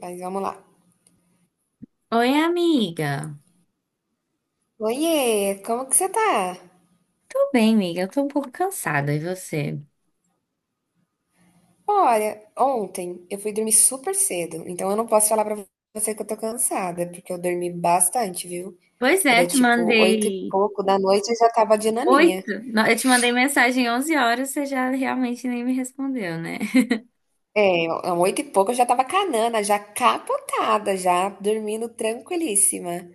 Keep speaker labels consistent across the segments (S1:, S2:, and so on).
S1: Mas vamos lá.
S2: Oi, amiga.
S1: Oiê, como que você tá?
S2: Tô bem, amiga. Eu tô um pouco cansada. E você?
S1: Olha, ontem eu fui dormir super cedo, então eu não posso falar pra você que eu tô cansada, porque eu dormi bastante, viu?
S2: Pois é,
S1: Era
S2: te
S1: tipo oito e
S2: mandei
S1: pouco da noite e eu já tava de naninha.
S2: oito. Não, eu te mandei mensagem 11 horas, você já realmente nem me respondeu, né?
S1: Oito e pouco eu já tava canana, já capotada, já dormindo tranquilíssima.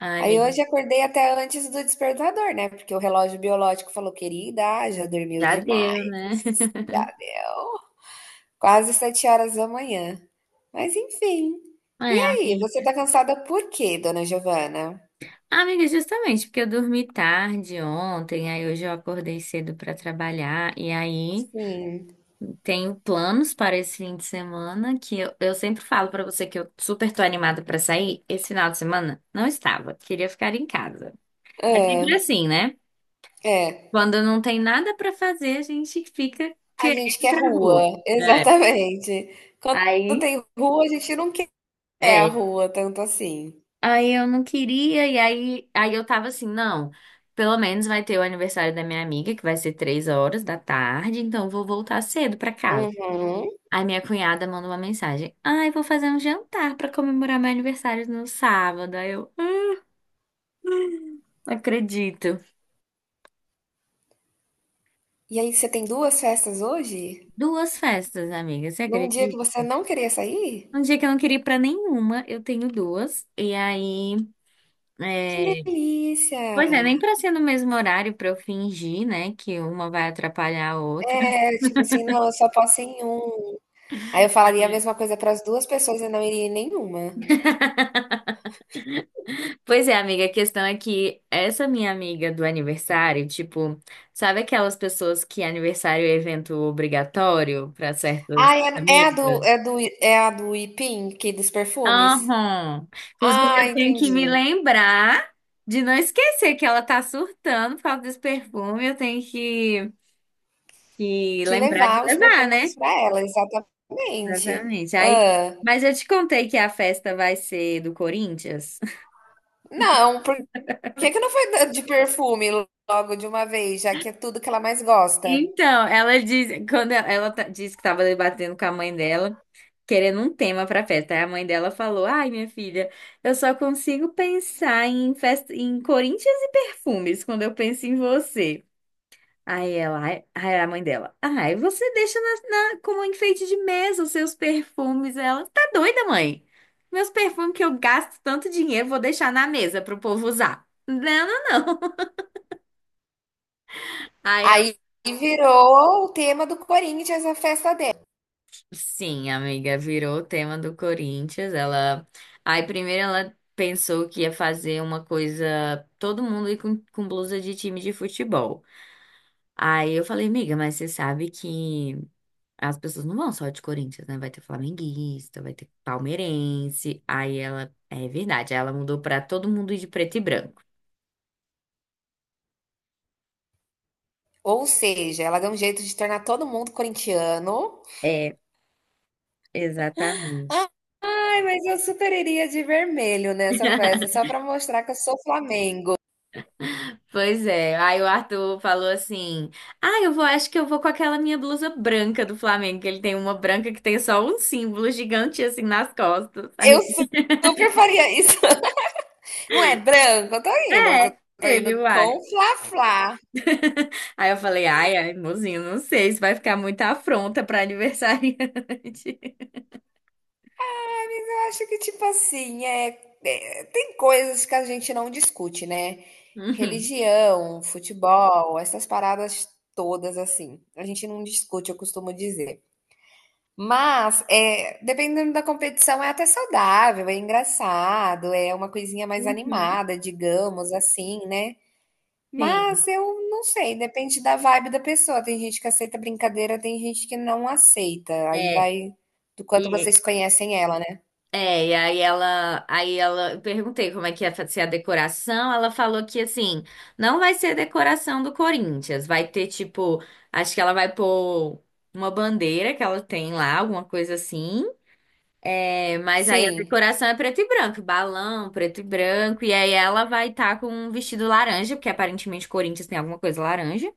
S2: Ai,
S1: Aí
S2: amiga,
S1: hoje acordei até antes do despertador, né? Porque o relógio biológico falou, querida, já dormiu
S2: já
S1: demais,
S2: deu, né?
S1: já deu. Quase sete horas da manhã. Mas enfim. E
S2: É,
S1: aí, você
S2: amiga.
S1: tá cansada por quê, dona Giovana?
S2: Amiga, justamente porque eu dormi tarde ontem, aí hoje eu acordei cedo pra trabalhar, e aí
S1: Sim.
S2: tenho planos para esse fim de semana que eu sempre falo pra você que eu super tô animada pra sair. Esse final de semana não estava, queria ficar em casa.
S1: Hã,
S2: É sempre assim, né?
S1: é.
S2: Quando não tem nada pra fazer, a gente fica
S1: A
S2: querendo
S1: gente
S2: ir
S1: quer
S2: pra rua.
S1: rua,
S2: É.
S1: exatamente. Quando
S2: Aí,
S1: tem rua, a gente não quer a
S2: é.
S1: rua tanto assim.
S2: Aí eu não queria, e aí eu tava assim, não, pelo menos vai ter o aniversário da minha amiga, que vai ser 3 horas da tarde, então eu vou voltar cedo pra casa.
S1: Uhum.
S2: Aí minha cunhada manda uma mensagem: Ai, vou fazer um jantar pra comemorar meu aniversário no sábado. Aí eu, não acredito.
S1: E aí, você tem duas festas hoje?
S2: Duas festas, amiga, você
S1: Num dia
S2: acredita?
S1: que você não queria sair?
S2: Um dia que eu não queria ir pra nenhuma, eu tenho duas. E aí.
S1: Que
S2: É,
S1: delícia!
S2: pois é, nem pra ser no mesmo horário pra eu fingir, né, que uma vai atrapalhar a outra.
S1: É, tipo assim, não, eu só posso ir em um. Aí eu falaria a
S2: É.
S1: mesma coisa para as duas pessoas e não iria em nenhuma.
S2: Pois é, amiga, a questão é que essa minha amiga do aniversário, tipo, sabe aquelas pessoas que aniversário é evento obrigatório pra
S1: Ah,
S2: certas
S1: é a é a
S2: amigas?
S1: do é a do Ipim, que dos perfumes?
S2: Aham. Inclusive,
S1: Ah,
S2: eu tenho que
S1: entendi.
S2: me lembrar de não esquecer que ela tá surtando por causa desse perfume, eu tenho que
S1: Que
S2: lembrar de
S1: levar os
S2: levar,
S1: perfumes
S2: né?
S1: para ela, exatamente.
S2: Exatamente. Aí,
S1: Ah,
S2: mas eu te contei que a festa vai ser do Corinthians.
S1: não, por que que não foi da de perfume logo de uma vez, já que é tudo que ela mais gosta?
S2: Então, ela diz, quando ela disse que estava debatendo com a mãe dela, querendo um tema para festa. Aí a mãe dela falou: "Ai, minha filha, eu só consigo pensar em festa, em Corinthians e perfumes quando eu penso em você". Aí ela, ai, aí a mãe dela, ai, você deixa como um enfeite de mesa os seus perfumes. Ela, tá doida, mãe? Meus perfumes que eu gasto tanto dinheiro, vou deixar na mesa pro povo usar. Não, não, não. Aí ela,
S1: Aí virou o tema do Corinthians, a festa dela.
S2: sim, amiga, virou o tema do Corinthians. Ela, aí primeiro ela pensou que ia fazer uma coisa, todo mundo ir com blusa de time de futebol. Aí eu falei, amiga, mas você sabe que as pessoas não vão só de Corinthians, né? Vai ter flamenguista, vai ter palmeirense. Aí ela. É verdade, ela mudou pra todo mundo ir de preto e branco.
S1: Ou seja, ela deu um jeito de tornar todo mundo corintiano.
S2: É, exatamente.
S1: Ai, mas eu super iria de vermelho nessa festa, só para mostrar que eu sou Flamengo.
S2: Pois é. Aí o Arthur falou assim: Ah, eu vou, acho que eu vou com aquela minha blusa branca do Flamengo, que ele tem uma branca que tem só um símbolo gigante assim nas costas. Aí
S1: Eu su- Super faria isso. Não é branco, eu tô indo, mas eu
S2: é,
S1: tô
S2: ele
S1: indo
S2: vai.
S1: com fla-flá.
S2: Aí eu falei: Ai, ai, mozinho, não sei, isso vai ficar muita afronta pra aniversariante.
S1: Eu acho que, tipo assim, tem coisas que a gente não discute, né?
S2: Uhum.
S1: Religião, futebol, essas paradas todas, assim. A gente não discute, eu costumo dizer. Mas, é, dependendo da competição, é até saudável, é engraçado, é uma coisinha mais
S2: Uhum.
S1: animada, digamos assim, né?
S2: Sim.
S1: Mas eu não sei, depende da vibe da pessoa. Tem gente que aceita brincadeira, tem gente que não aceita. Aí
S2: é,
S1: vai do quanto
S2: E,
S1: vocês conhecem ela, né?
S2: e aí ela, eu perguntei como é que ia ser a decoração, ela falou que assim, não vai ser decoração do Corinthians, vai ter tipo, acho que ela vai pôr uma bandeira que ela tem lá, alguma coisa assim. É, mas aí a
S1: Sim.
S2: decoração é preto e branco, balão, preto e branco, e aí ela vai estar com um vestido laranja, porque aparentemente o Corinthians tem alguma coisa laranja.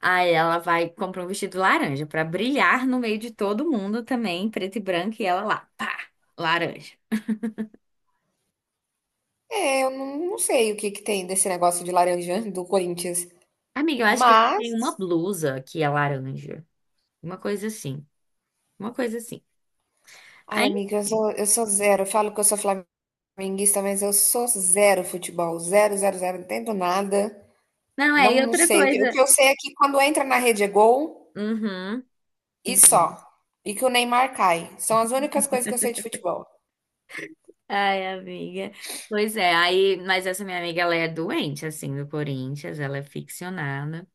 S2: Aí ela vai comprar um vestido laranja pra brilhar no meio de todo mundo também, preto e branco, e ela lá, pá, laranja.
S1: É, eu não, não sei o que que tem desse negócio de laranja do Corinthians.
S2: Amiga, eu acho que ele
S1: Mas,
S2: tem uma blusa que é laranja. Uma coisa assim. Uma coisa assim.
S1: ai,
S2: Aí,
S1: amiga,
S2: enfim.
S1: eu sou zero. Eu falo que eu sou flamenguista, mas eu sou zero futebol. Zero, zero, zero. Não entendo nada.
S2: Não, é,
S1: Não,
S2: e
S1: não
S2: outra
S1: sei. O
S2: coisa.
S1: que eu sei é que quando entra na rede é gol
S2: Uhum.
S1: e
S2: Então.
S1: só. E que o Neymar cai. São as únicas coisas que eu sei de futebol.
S2: Ai, amiga. Pois é, aí, mas essa minha amiga, ela é doente, assim, do Corinthians, ela é ficcionada.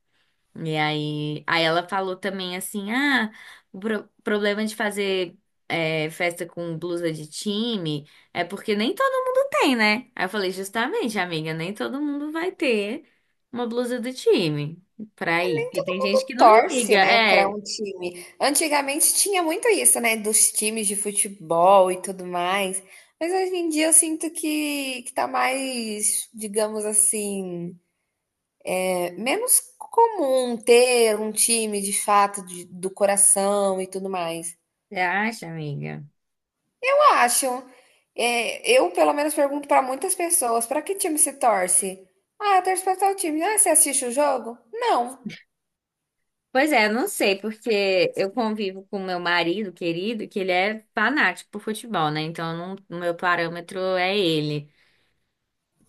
S2: E aí ela falou também assim, ah, o problema de fazer festa com blusa de time é porque nem todo mundo tem, né? Aí eu falei, justamente, amiga, nem todo mundo vai ter uma blusa do time pra ir. Porque
S1: Todo
S2: tem
S1: mundo
S2: gente que não
S1: torce,
S2: liga,
S1: né, para
S2: é,
S1: um time. Antigamente tinha muito isso, né, dos times de futebol e tudo mais. Mas hoje em dia eu sinto que tá mais, digamos assim, é, menos comum ter um time de fato do coração e tudo mais.
S2: você acha, amiga?
S1: Eu acho. É, eu, pelo menos, pergunto para muitas pessoas: para que time você torce? Ah, eu torço para tal time. Ah, você assiste o jogo? Não.
S2: Pois é, eu não sei, porque eu convivo com meu marido querido, que ele é fanático por futebol, né? Então, eu não- o meu parâmetro é ele.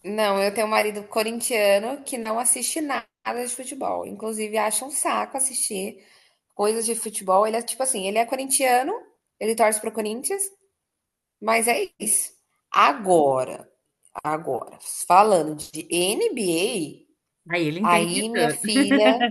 S1: Não, eu tenho um marido corintiano que não assiste nada de futebol. Inclusive, acha um saco assistir coisas de futebol. Ele é tipo assim, ele é corintiano, ele torce pro Corinthians, mas é isso. Agora, agora, falando de
S2: Aí ele
S1: NBA,
S2: entende
S1: aí minha
S2: tudo.
S1: filha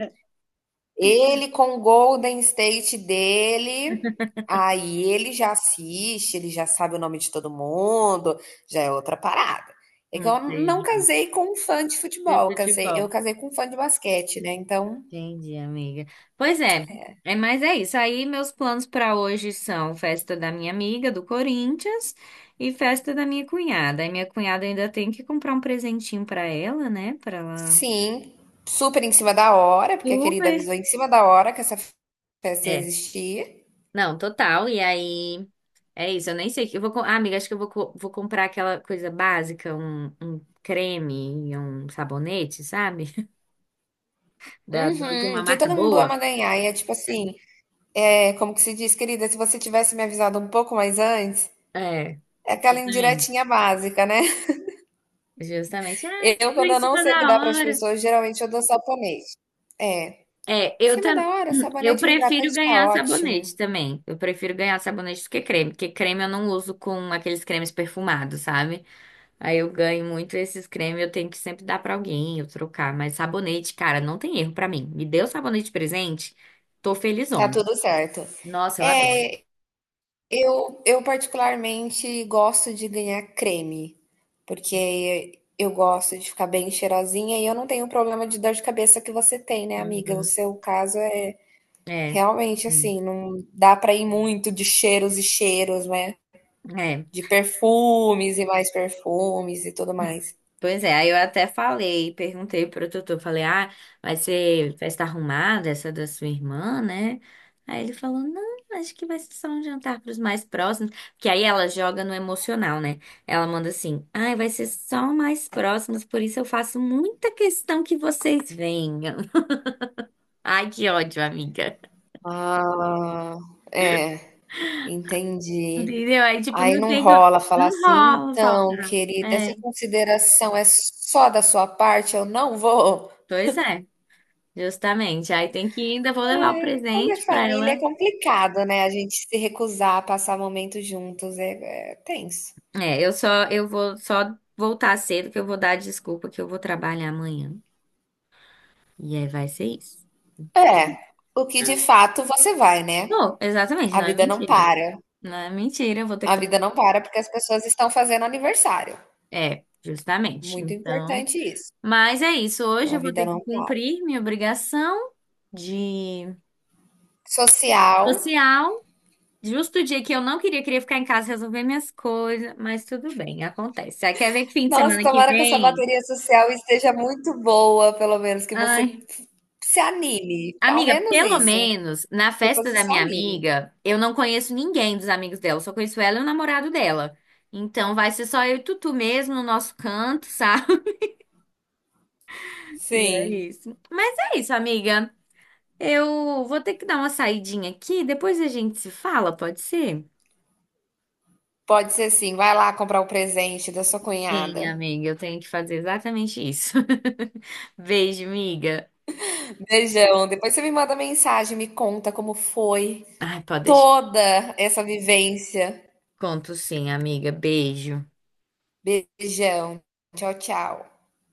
S1: ele com o Golden State dele, aí ele já assiste, ele já sabe o nome de todo mundo, já é outra parada. É que eu não
S2: Entendi.
S1: casei com um fã de
S2: De
S1: futebol, eu
S2: futebol.
S1: casei com um fã de basquete, né? Então,
S2: Entendi, amiga. Pois é, mas é isso. Aí meus planos para hoje são festa da minha amiga do Corinthians e festa da minha cunhada. E minha cunhada ainda tem que comprar um presentinho para ela, né? Para ela.
S1: sim, super em cima da hora, porque a querida
S2: Super.
S1: avisou em cima da hora que essa festa ia
S2: É.
S1: existir.
S2: Não, total. E aí é isso. Eu nem sei o que eu vou, ah, amiga, acho que eu vou comprar aquela coisa básica, um creme e um sabonete, sabe? Da de uma
S1: Uhum, que
S2: marca
S1: todo mundo
S2: boa.
S1: ama ganhar. E é tipo assim, é como que se diz, querida, se você tivesse me avisado um pouco mais antes,
S2: É,
S1: é aquela
S2: justamente.
S1: indiretinha básica, né?
S2: Justamente. Ah,
S1: Eu,
S2: tô
S1: quando
S2: em
S1: eu não
S2: cima
S1: sei o
S2: da
S1: que dá para as
S2: hora.
S1: pessoas, geralmente eu dou sabonete. É, em
S2: É, eu
S1: cima
S2: também.
S1: da hora,
S2: Eu
S1: sabonete e um
S2: prefiro
S1: hidratante tá
S2: ganhar sabonete
S1: ótimo,
S2: também. Eu prefiro ganhar sabonete do que creme, porque creme eu não uso com aqueles cremes perfumados, sabe? Aí eu ganho muito esses cremes, eu tenho que sempre dar pra alguém, eu trocar. Mas sabonete, cara, não tem erro pra mim. Me deu sabonete de presente, tô
S1: tá
S2: felizona.
S1: tudo certo.
S2: Nossa, eu adoro.
S1: É, eu particularmente gosto de ganhar creme, porque eu gosto de ficar bem cheirosinha e eu não tenho o problema de dor de cabeça que você tem, né, amiga? O
S2: Uhum.
S1: seu caso é
S2: É.
S1: realmente
S2: Sim.
S1: assim, não dá para ir muito de cheiros e cheiros, né?
S2: É.
S1: De perfumes e mais perfumes e tudo mais.
S2: Pois é, aí eu até falei, perguntei pro tutor, falei, ah, vai ser festa arrumada, essa da sua irmã, né? Aí ele falou, não, acho que vai ser só um jantar pros mais próximos, que aí ela joga no emocional, né? Ela manda assim, ai, vai ser só mais próximos, por isso eu faço muita questão que vocês venham. Ai, que ódio, amiga.
S1: Ah, é, entendi.
S2: Entendeu? Aí, tipo,
S1: Aí
S2: não
S1: não
S2: tem,
S1: rola falar
S2: não
S1: assim:
S2: rola
S1: "Então,
S2: faltar.
S1: querida,
S2: É,
S1: essa consideração é só da sua parte, eu não vou".
S2: pois é, justamente. Aí tem que ir, ainda vou levar o
S1: Ai, quando é
S2: presente pra
S1: família é
S2: ela.
S1: complicado, né, a gente se recusar a passar momentos juntos, é tenso.
S2: É, eu só, eu vou só voltar cedo que eu vou dar desculpa que eu vou trabalhar amanhã. E aí vai ser isso.
S1: É, o que de
S2: Ah,
S1: fato você vai, né.
S2: vou, exatamente,
S1: A
S2: não é
S1: vida não
S2: mentira.
S1: para,
S2: Não é mentira, eu vou ter que
S1: a vida
S2: trabalhar.
S1: não para porque as pessoas estão fazendo aniversário,
S2: É, justamente.
S1: muito
S2: Então,
S1: importante isso,
S2: mas é isso. Hoje
S1: a
S2: eu vou
S1: vida
S2: ter
S1: não
S2: que
S1: para.
S2: cumprir minha obrigação de
S1: Social.
S2: social. Justo o dia que eu não queria, queria ficar em casa resolver minhas coisas, mas tudo bem, acontece. Aí quer ver que fim de
S1: Nossa,
S2: semana que
S1: tomara que essa
S2: vem?
S1: bateria social esteja muito boa, pelo menos, que
S2: Ai.
S1: f- se anime. Ao
S2: Amiga,
S1: menos
S2: pelo
S1: isso.
S2: menos na
S1: Que
S2: festa
S1: você
S2: da
S1: se
S2: minha
S1: anime.
S2: amiga, eu não conheço ninguém dos amigos dela, só conheço ela e o namorado dela. Então vai ser só eu e Tutu mesmo no nosso canto, sabe? E é
S1: Sim,
S2: isso. Mas é isso, amiga. Eu vou ter que dar uma saidinha aqui, depois a gente se fala, pode ser?
S1: pode ser sim. Vai lá comprar o presente da sua
S2: Sim,
S1: cunhada.
S2: amiga, eu tenho que fazer exatamente isso. Beijo, amiga.
S1: Beijão. Depois você me manda mensagem, me conta como foi
S2: Ai, pode deixar.
S1: toda essa vivência.
S2: Conto sim, amiga. Beijo.
S1: Beijão. Tchau, tchau.